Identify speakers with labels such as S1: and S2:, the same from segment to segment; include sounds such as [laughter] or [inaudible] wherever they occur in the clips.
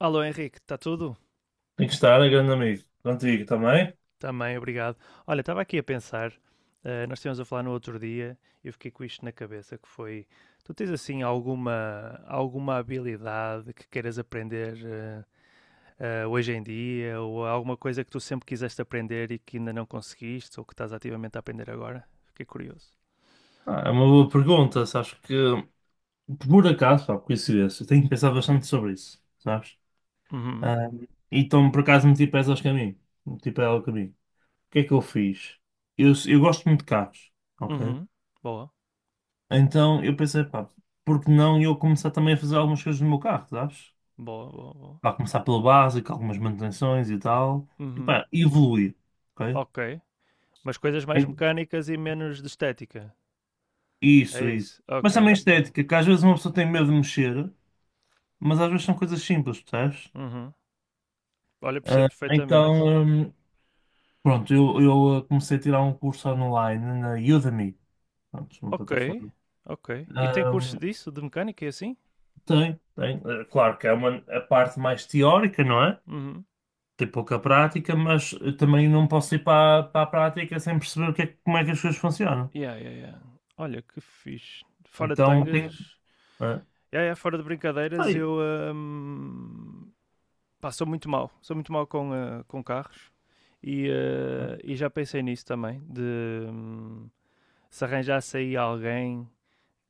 S1: Alô Henrique, está tudo?
S2: Tem que estar, é grande amigo. Contigo também?
S1: Também, obrigado. Olha, estava aqui a pensar, nós estivemos a falar no outro dia e eu fiquei com isto na cabeça, que foi, tu tens assim alguma habilidade que queiras aprender hoje em dia, ou alguma coisa que tu sempre quiseste aprender e que ainda não conseguiste, ou que estás ativamente a aprender agora? Fiquei curioso.
S2: Ah, é uma boa pergunta, sabes que por acaso, pá, por coincidência, eu tenho que pensar bastante sobre isso, sabes?
S1: Uhum,
S2: Ah, e então por acaso meti pés aos caminhos. Meti pés ao caminho. O que é que eu fiz? Eu gosto muito de carros, ok?
S1: uhum, boa,
S2: Então eu pensei, pá, por que não eu começar também a fazer algumas coisas no meu carro, sabes?
S1: boa, boa, boa.
S2: Pá, começar pelo básico, algumas manutenções e tal. E
S1: Uhum,
S2: pá, evoluir, ok?
S1: ok. Mas coisas mais mecânicas e menos de estética,
S2: Isso,
S1: é
S2: isso.
S1: isso?
S2: Mas
S1: Ok,
S2: também
S1: ok.
S2: estética, que às vezes uma pessoa tem medo de mexer. Mas às vezes são coisas simples, percebes?
S1: Uhum. Olha, percebo
S2: Ah,
S1: perfeitamente.
S2: então, pronto, eu comecei a tirar um curso online na Udemy, pronto, uma
S1: Ok,
S2: plataforma.
S1: ok. E tem curso
S2: Hum,
S1: disso, de mecânica e assim?
S2: tem, tem. Claro que é a parte mais teórica, não é?
S1: Uhum.
S2: Tem pouca prática, mas também não posso ir para a prática sem perceber o que é, como é que as coisas funcionam.
S1: Yeah, yeah, yeah. Olha, que fixe. Fora de
S2: Então tem.
S1: tangas,
S2: eh,
S1: yeah, yeah, fora de brincadeiras,
S2: Aí,
S1: eu pá, sou muito mal. Sou muito mal com, com carros e,
S2: né?
S1: e já pensei nisso também, de hum, se arranjasse aí alguém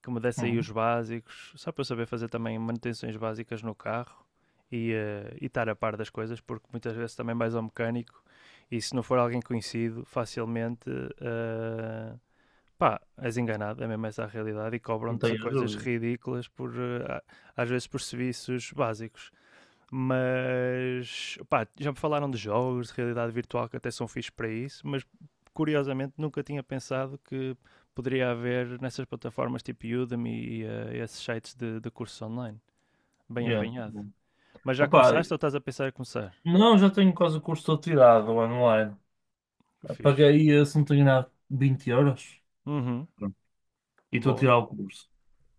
S1: que me desse aí os
S2: Uhum,
S1: básicos, só para eu saber fazer também manutenções básicas no carro e, e estar a par das coisas, porque muitas vezes também vais ao mecânico e se não for alguém conhecido, facilmente eh, pá, és enganado, é mesmo essa a realidade, e
S2: não
S1: cobram-te
S2: tenho
S1: coisas
S2: dúvida.
S1: ridículas por às vezes por serviços básicos. Mas pá, já me falaram de jogos de realidade virtual que até são fixos para isso, mas curiosamente nunca tinha pensado que poderia haver nessas plataformas tipo Udemy e esses sites de cursos online. Bem
S2: Yeah.
S1: apanhado. Mas já
S2: Opa,
S1: começaste ou estás a pensar em começar?
S2: não, já tenho quase o curso todo tirado online.
S1: Eu fiz.
S2: Paguei, se não tenho nada, 20 euros.
S1: Uhum.
S2: Pronto, e estou a
S1: Boa.
S2: tirar o curso.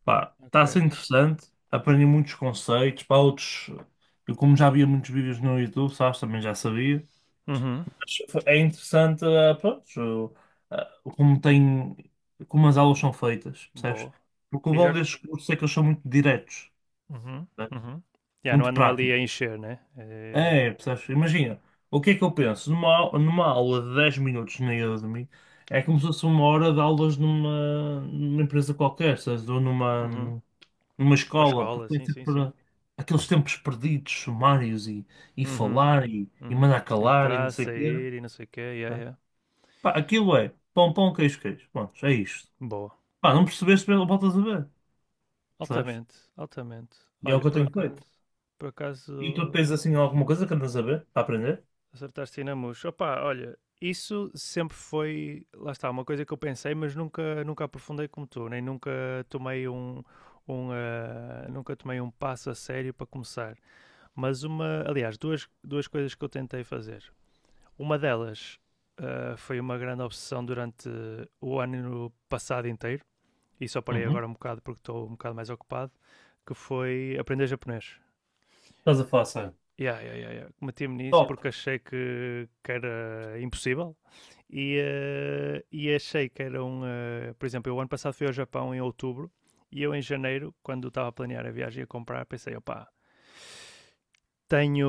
S2: Pá, está
S1: Ok.
S2: a ser interessante, aprendi muitos conceitos, pá, outros. Eu, como já havia muitos vídeos no YouTube, sabes, também já sabia.
S1: Uhum.
S2: Mas é interessante, pronto, eh, como tem, como as aulas são feitas, percebes?
S1: Boa.
S2: Porque o
S1: E já.
S2: bom destes cursos é que eles são muito diretos,
S1: Uhum.
S2: percebes?
S1: Uhum. Já não
S2: Muito
S1: ando ali a
S2: práticos.
S1: encher, né? É.
S2: É, percebes? Imagina, o que é que eu penso? Numa aula de 10 minutos na Udemy, é como se fosse uma hora de aulas numa, numa, empresa qualquer, sabes? Ou numa,
S1: Uhum.
S2: numa
S1: Uma
S2: escola, porque
S1: escola, sim,
S2: tem
S1: sim, sim.
S2: sempre aqueles tempos perdidos, sumários e,
S1: Uhum,
S2: falar e
S1: uhum.
S2: mandar calar e não
S1: Entrar,
S2: sei o quê, né?
S1: sair e não sei o quê, yeah, yeah.
S2: Pá, aquilo é pão, pão, queijo, queijo. Pronto, é isto.
S1: Boa.
S2: Pá, não percebeste, voltas a ver, percebes?
S1: Altamente, altamente.
S2: E é o
S1: Olha,
S2: que eu
S1: por
S2: tenho feito.
S1: acaso, por
S2: E tu tens
S1: acaso
S2: assim alguma coisa que andas a ver, para aprender?
S1: acertaste aí na mousse. Opa, olha, isso sempre foi, lá está, uma coisa que eu pensei, mas nunca, nunca aprofundei como tu, nem nunca tomei um, um, ah, nunca tomei um passo a sério para começar. Mas uma, aliás, duas coisas que eu tentei fazer. Uma delas foi uma grande obsessão durante o ano passado inteiro e só parei
S2: Uhum.
S1: agora um bocado porque estou um bocado mais ocupado, que foi aprender japonês.
S2: Estás a falar sério?
S1: Yeah, yeah, yeah, yeah. Meti-me nisso porque
S2: Top.
S1: achei que era impossível e, e achei que era um. Por exemplo, eu ano passado fui ao Japão em outubro e eu em janeiro, quando estava a planear a viagem e a comprar, pensei, opá, tenho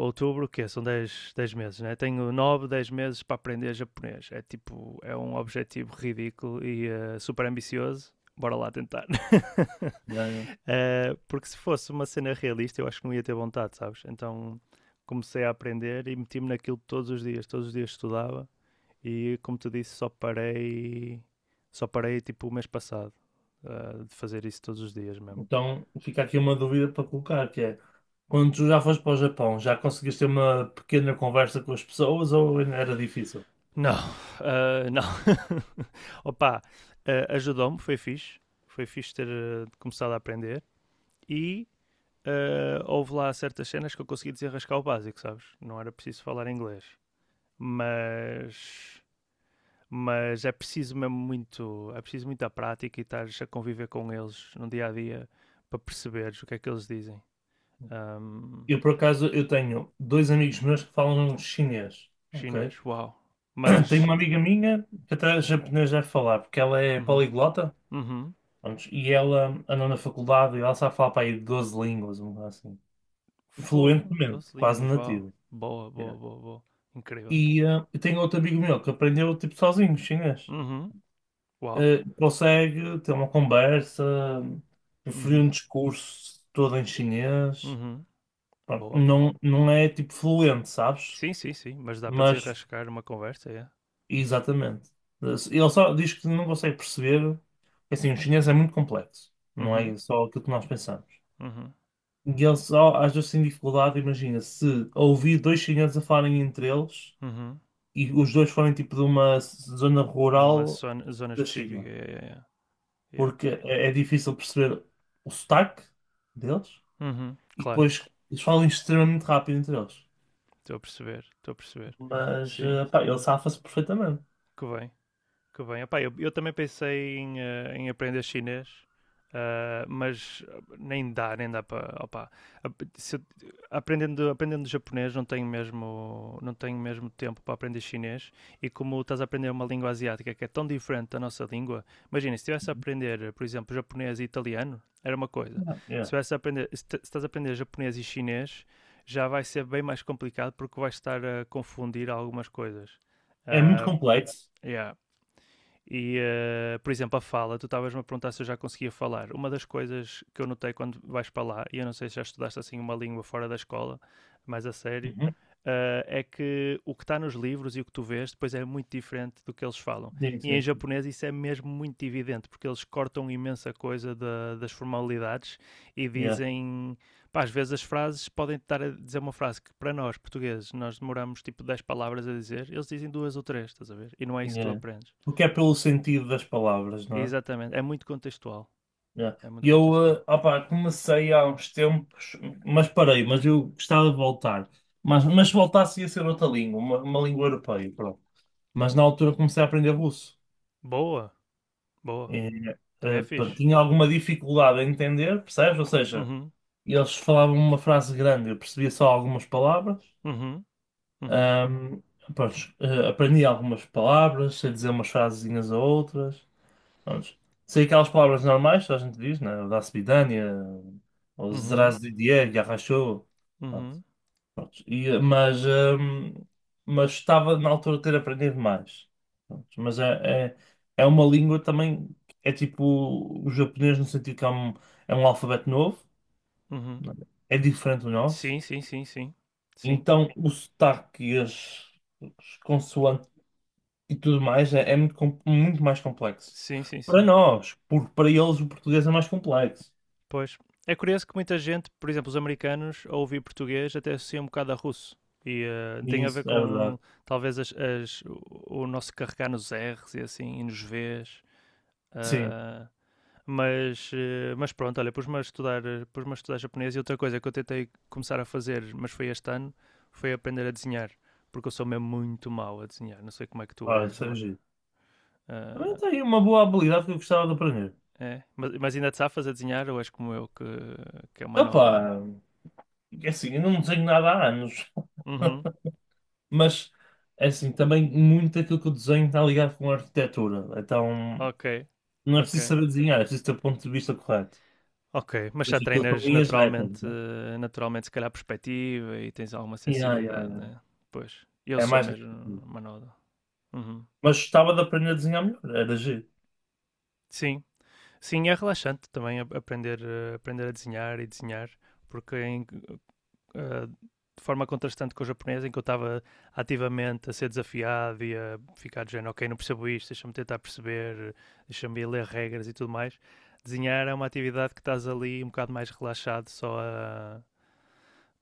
S1: outubro, que é? São dez meses, né? Tenho 9 10 meses para aprender japonês. É tipo, é um objetivo ridículo e super ambicioso. Bora lá tentar. [laughs]
S2: Yeah, yeah.
S1: Porque se fosse uma cena realista, eu acho que não ia ter vontade, sabes? Então comecei a aprender e meti-me naquilo todos os dias. Todos os dias estudava e, como te disse, só parei tipo o mês passado de fazer isso todos os dias mesmo.
S2: Então fica aqui uma dúvida para colocar, que é, quando tu já foste para o Japão, já conseguiste ter uma pequena conversa com as pessoas ou ainda era difícil?
S1: Não, não. [laughs] Opa, ajudou-me, foi fixe. Foi fixe ter começado a aprender. E houve lá certas cenas que eu consegui desenrascar o básico, sabes? Não era preciso falar inglês. Mas, mas é preciso mesmo muito, é preciso muita prática e estar a conviver com eles no dia a dia para perceberes o que é que eles dizem. Ahm,
S2: Eu, por acaso, eu tenho dois amigos meus que falam chinês, ok?
S1: chinês, uau.
S2: [clears throat] Tenho
S1: Mas,
S2: uma amiga minha que até japonês deve falar, porque ela é
S1: uhum,
S2: poliglota,
S1: uhum,
S2: pronto, e ela andou na faculdade e ela sabe falar para aí 12 línguas, uma coisa assim,
S1: Fogo, 12
S2: fluentemente, quase
S1: línguas, uau.
S2: nativo.
S1: Boa, boa,
S2: É.
S1: boa, boa. Incrível.
S2: E eu tenho outro amigo meu que aprendeu, tipo, sozinho chinês.
S1: Uhum, uau.
S2: Consegue ter uma conversa, preferir um
S1: Uhum,
S2: discurso todo em chinês.
S1: uhum,
S2: Pronto,
S1: boa.
S2: não, não é tipo fluente, sabes?
S1: Sim, sim, sim, mas dá para
S2: Mas,
S1: desenrascar uma conversa, é.
S2: exatamente. Ele só diz que não consegue perceber. Assim, o chinês é muito complexo, não
S1: Uhum,
S2: é só aquilo que nós pensamos.
S1: uhum,
S2: E ele só, às vezes, tem dificuldade, imagina, se ouvir dois chineses a falarem entre eles
S1: uhum.
S2: e os dois forem tipo de uma zona
S1: É uma
S2: rural
S1: zona
S2: da
S1: específica,
S2: China.
S1: é, é, é. É.
S2: Porque é, é difícil perceber o sotaque deles
S1: Uhum,
S2: e
S1: claro,
S2: depois eles falam extremamente rápido entre eles.
S1: estou a perceber, estou a perceber.
S2: Mas
S1: Sim,
S2: pá, ele safa-se perfeitamente.
S1: que bem. Que bem. Epá, eu também pensei em, em aprender chinês, mas nem dá para. Opá. Aprendendo japonês, não tenho mesmo tempo para aprender chinês. E como estás a aprender uma língua asiática que é tão diferente da nossa língua, imagina, se estivesse a
S2: Uhum.
S1: aprender, por exemplo, japonês e italiano, era uma coisa.
S2: Yeah, yeah.
S1: Se estás a aprender japonês e chinês, já vai ser bem mais complicado porque vais estar a confundir algumas coisas.
S2: É muito
S1: Ah,
S2: complexo.
S1: yeah. E, por exemplo, a fala, tu estavas-me a perguntar se eu já conseguia falar. Uma das coisas que eu notei quando vais para lá, e eu não sei se já estudaste assim uma língua fora da escola, mas a sério,
S2: Uhum.
S1: é que o que está nos livros e o que tu vês depois é muito diferente do que eles falam.
S2: Sim,
S1: E em
S2: sim.
S1: japonês isso é mesmo muito evidente, porque eles cortam imensa coisa das formalidades e
S2: Yeah,
S1: dizem. Pá, às vezes as frases podem estar a dizer uma frase que para nós, portugueses, nós demoramos tipo 10 palavras a dizer, eles dizem duas ou três, estás a ver? E não é isso que tu
S2: yeah.
S1: aprendes.
S2: Porque é pelo sentido das palavras, não é?
S1: Exatamente, é muito contextual,
S2: Yeah.
S1: é muito
S2: Eu,
S1: contextual.
S2: opá, comecei há uns tempos, mas parei, mas eu gostava de voltar. Mas se voltasse ia ser outra língua, uma língua europeia, pronto. Mas na altura comecei a aprender russo.
S1: Boa, boa,
S2: É,
S1: também é
S2: pá,
S1: fixe.
S2: tinha alguma dificuldade a entender, percebes? Ou seja,
S1: Uhum,
S2: eles falavam uma frase grande, eu percebia só algumas palavras.
S1: uhum, uhum,
S2: Ahm, pronto, aprendi algumas palavras, sei dizer umas frasezinhas a outras. Pronto. Sei aquelas palavras normais, que a gente diz, né? Da Svidania, ou
S1: uhum,
S2: Zdrazdidie, Yarrachou. Pronto.
S1: uhum,
S2: Pronto, mas estava na altura de ter aprendido mais. Pronto, mas é uma língua também, é tipo o japonês no sentido que é um alfabeto novo,
S1: uhum.
S2: não é? É diferente do nosso.
S1: Sim, sim, sim, sim. Sim,
S2: Então o sotaque e as consoantes e tudo mais é muito, muito mais complexo.
S1: sim, sim,
S2: Para
S1: sim.
S2: nós, porque para eles o português é mais complexo.
S1: Pois. É curioso que muita gente, por exemplo, os americanos, ao ouvir português, até associa um bocado a russo. E tem
S2: E
S1: a ver
S2: isso, é verdade.
S1: com, talvez, o nosso carregar nos R's e assim, e nos V's.
S2: Sim,
S1: Ah, mas pronto, olha, pus-me a estudar japonês e outra coisa que eu tentei começar a fazer, mas foi este ano, foi aprender a desenhar, porque eu sou mesmo muito mau a desenhar, não sei como é que tu
S2: olha,
S1: és,
S2: isso é
S1: mas,
S2: giro. Também
S1: ah,
S2: tem uma boa habilidade que eu gostava de aprender.
S1: é. Mas ainda te safas a desenhar ou és como eu que é uma noda mesmo?
S2: Opa! É assim, eu não desenho nada há anos,
S1: Uhum,
S2: [laughs] mas é assim, também muito aquilo que eu desenho está ligado com a arquitetura. Então
S1: ok,
S2: não é preciso
S1: ok.
S2: saber desenhar, é preciso ter o ponto de vista correto.
S1: Ok, mas
S2: Pois
S1: já
S2: aquilo são
S1: treinas
S2: linhas retas,
S1: naturalmente,
S2: né?
S1: naturalmente se calhar perspectiva e tens alguma
S2: Yeah, yeah,
S1: sensibilidade,
S2: yeah.
S1: né? Pois, eu
S2: É
S1: sou
S2: mais
S1: mesmo
S2: negativo.
S1: uma noda. Uhum.
S2: Mas gostava de aprender a desenhar melhor, era giro.
S1: Sim, Sim, é relaxante também aprender, aprender a desenhar e desenhar, porque eh, de forma contrastante com o japonês, em que eu estava ativamente a ser desafiado e a ficar de género, ok, não percebo isto, deixa-me tentar perceber, deixa-me ir ler regras e tudo mais. Desenhar é uma atividade que estás ali um bocado mais relaxado,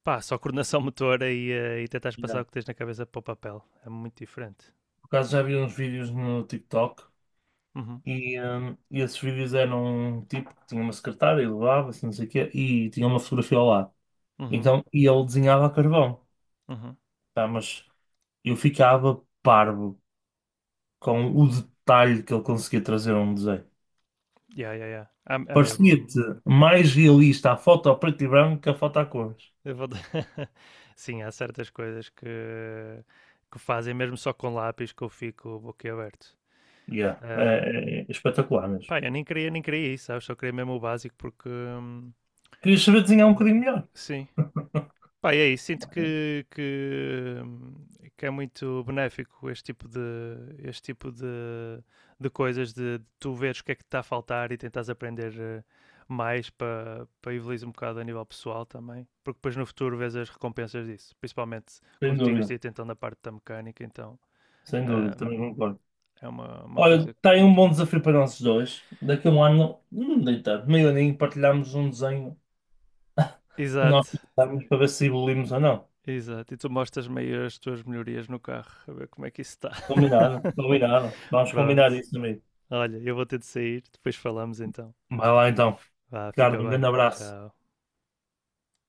S1: pá, só coordenação [laughs] motora e, e tentares passar
S2: Yeah.
S1: o que tens na cabeça para o papel. É muito diferente.
S2: Por acaso já vi uns vídeos no TikTok
S1: Uhum,
S2: e esses vídeos eram um tipo que tinha uma secretária e levava-se, não sei o quê, e tinha uma fotografia ao lado.
S1: uhum,
S2: Então, e ele desenhava a carvão,
S1: uhum.
S2: tá? Mas eu ficava parvo com o detalhe que ele conseguia trazer a um desenho.
S1: Yeah, yeah, yeah. Há mesmo,
S2: Parecia-te mais realista a foto a preto e branco que a foto a cores.
S1: Eu vou [laughs] Sim, há certas coisas que fazem mesmo só com lápis que eu fico boquiaberto.
S2: Yeah, é, é-
S1: Ahm,
S2: é espetacular mesmo.
S1: pá, eu nem queria isso, sabes? Só queria mesmo o básico porque,
S2: Querias saber desenhar um
S1: porque-
S2: bocadinho melhor?
S1: sim, Pá, e aí, sinto que, é muito benéfico este tipo de coisas, de tu veres o que é que te está a faltar e tentares aprender mais para evoluir um bocado a nível pessoal também, porque depois no futuro vês as recompensas disso, principalmente
S2: Sem
S1: como tu tinhas
S2: dúvida,
S1: dito então na parte da mecânica, então
S2: sem dúvida, também
S1: ahm,
S2: concordo.
S1: é uma
S2: Olha,
S1: coisa
S2: está aí um
S1: muito
S2: bom
S1: boa.
S2: desafio para nós dois. Daqui a um ano, deitado, meio aninho, partilhamos um desenho que
S1: Exato,
S2: nós precisamos para ver se evoluímos ou não.
S1: exato, e tu mostras-me as tuas melhorias no carro, a ver como é que isso está.
S2: Combinado, combinado.
S1: [laughs]
S2: Vamos
S1: Pronto.
S2: combinar isso, amigo.
S1: Olha, eu vou ter de sair, depois falamos então.
S2: Vai lá então.
S1: Vá, fica
S2: Ricardo, um
S1: bem.
S2: grande abraço.
S1: Tchau.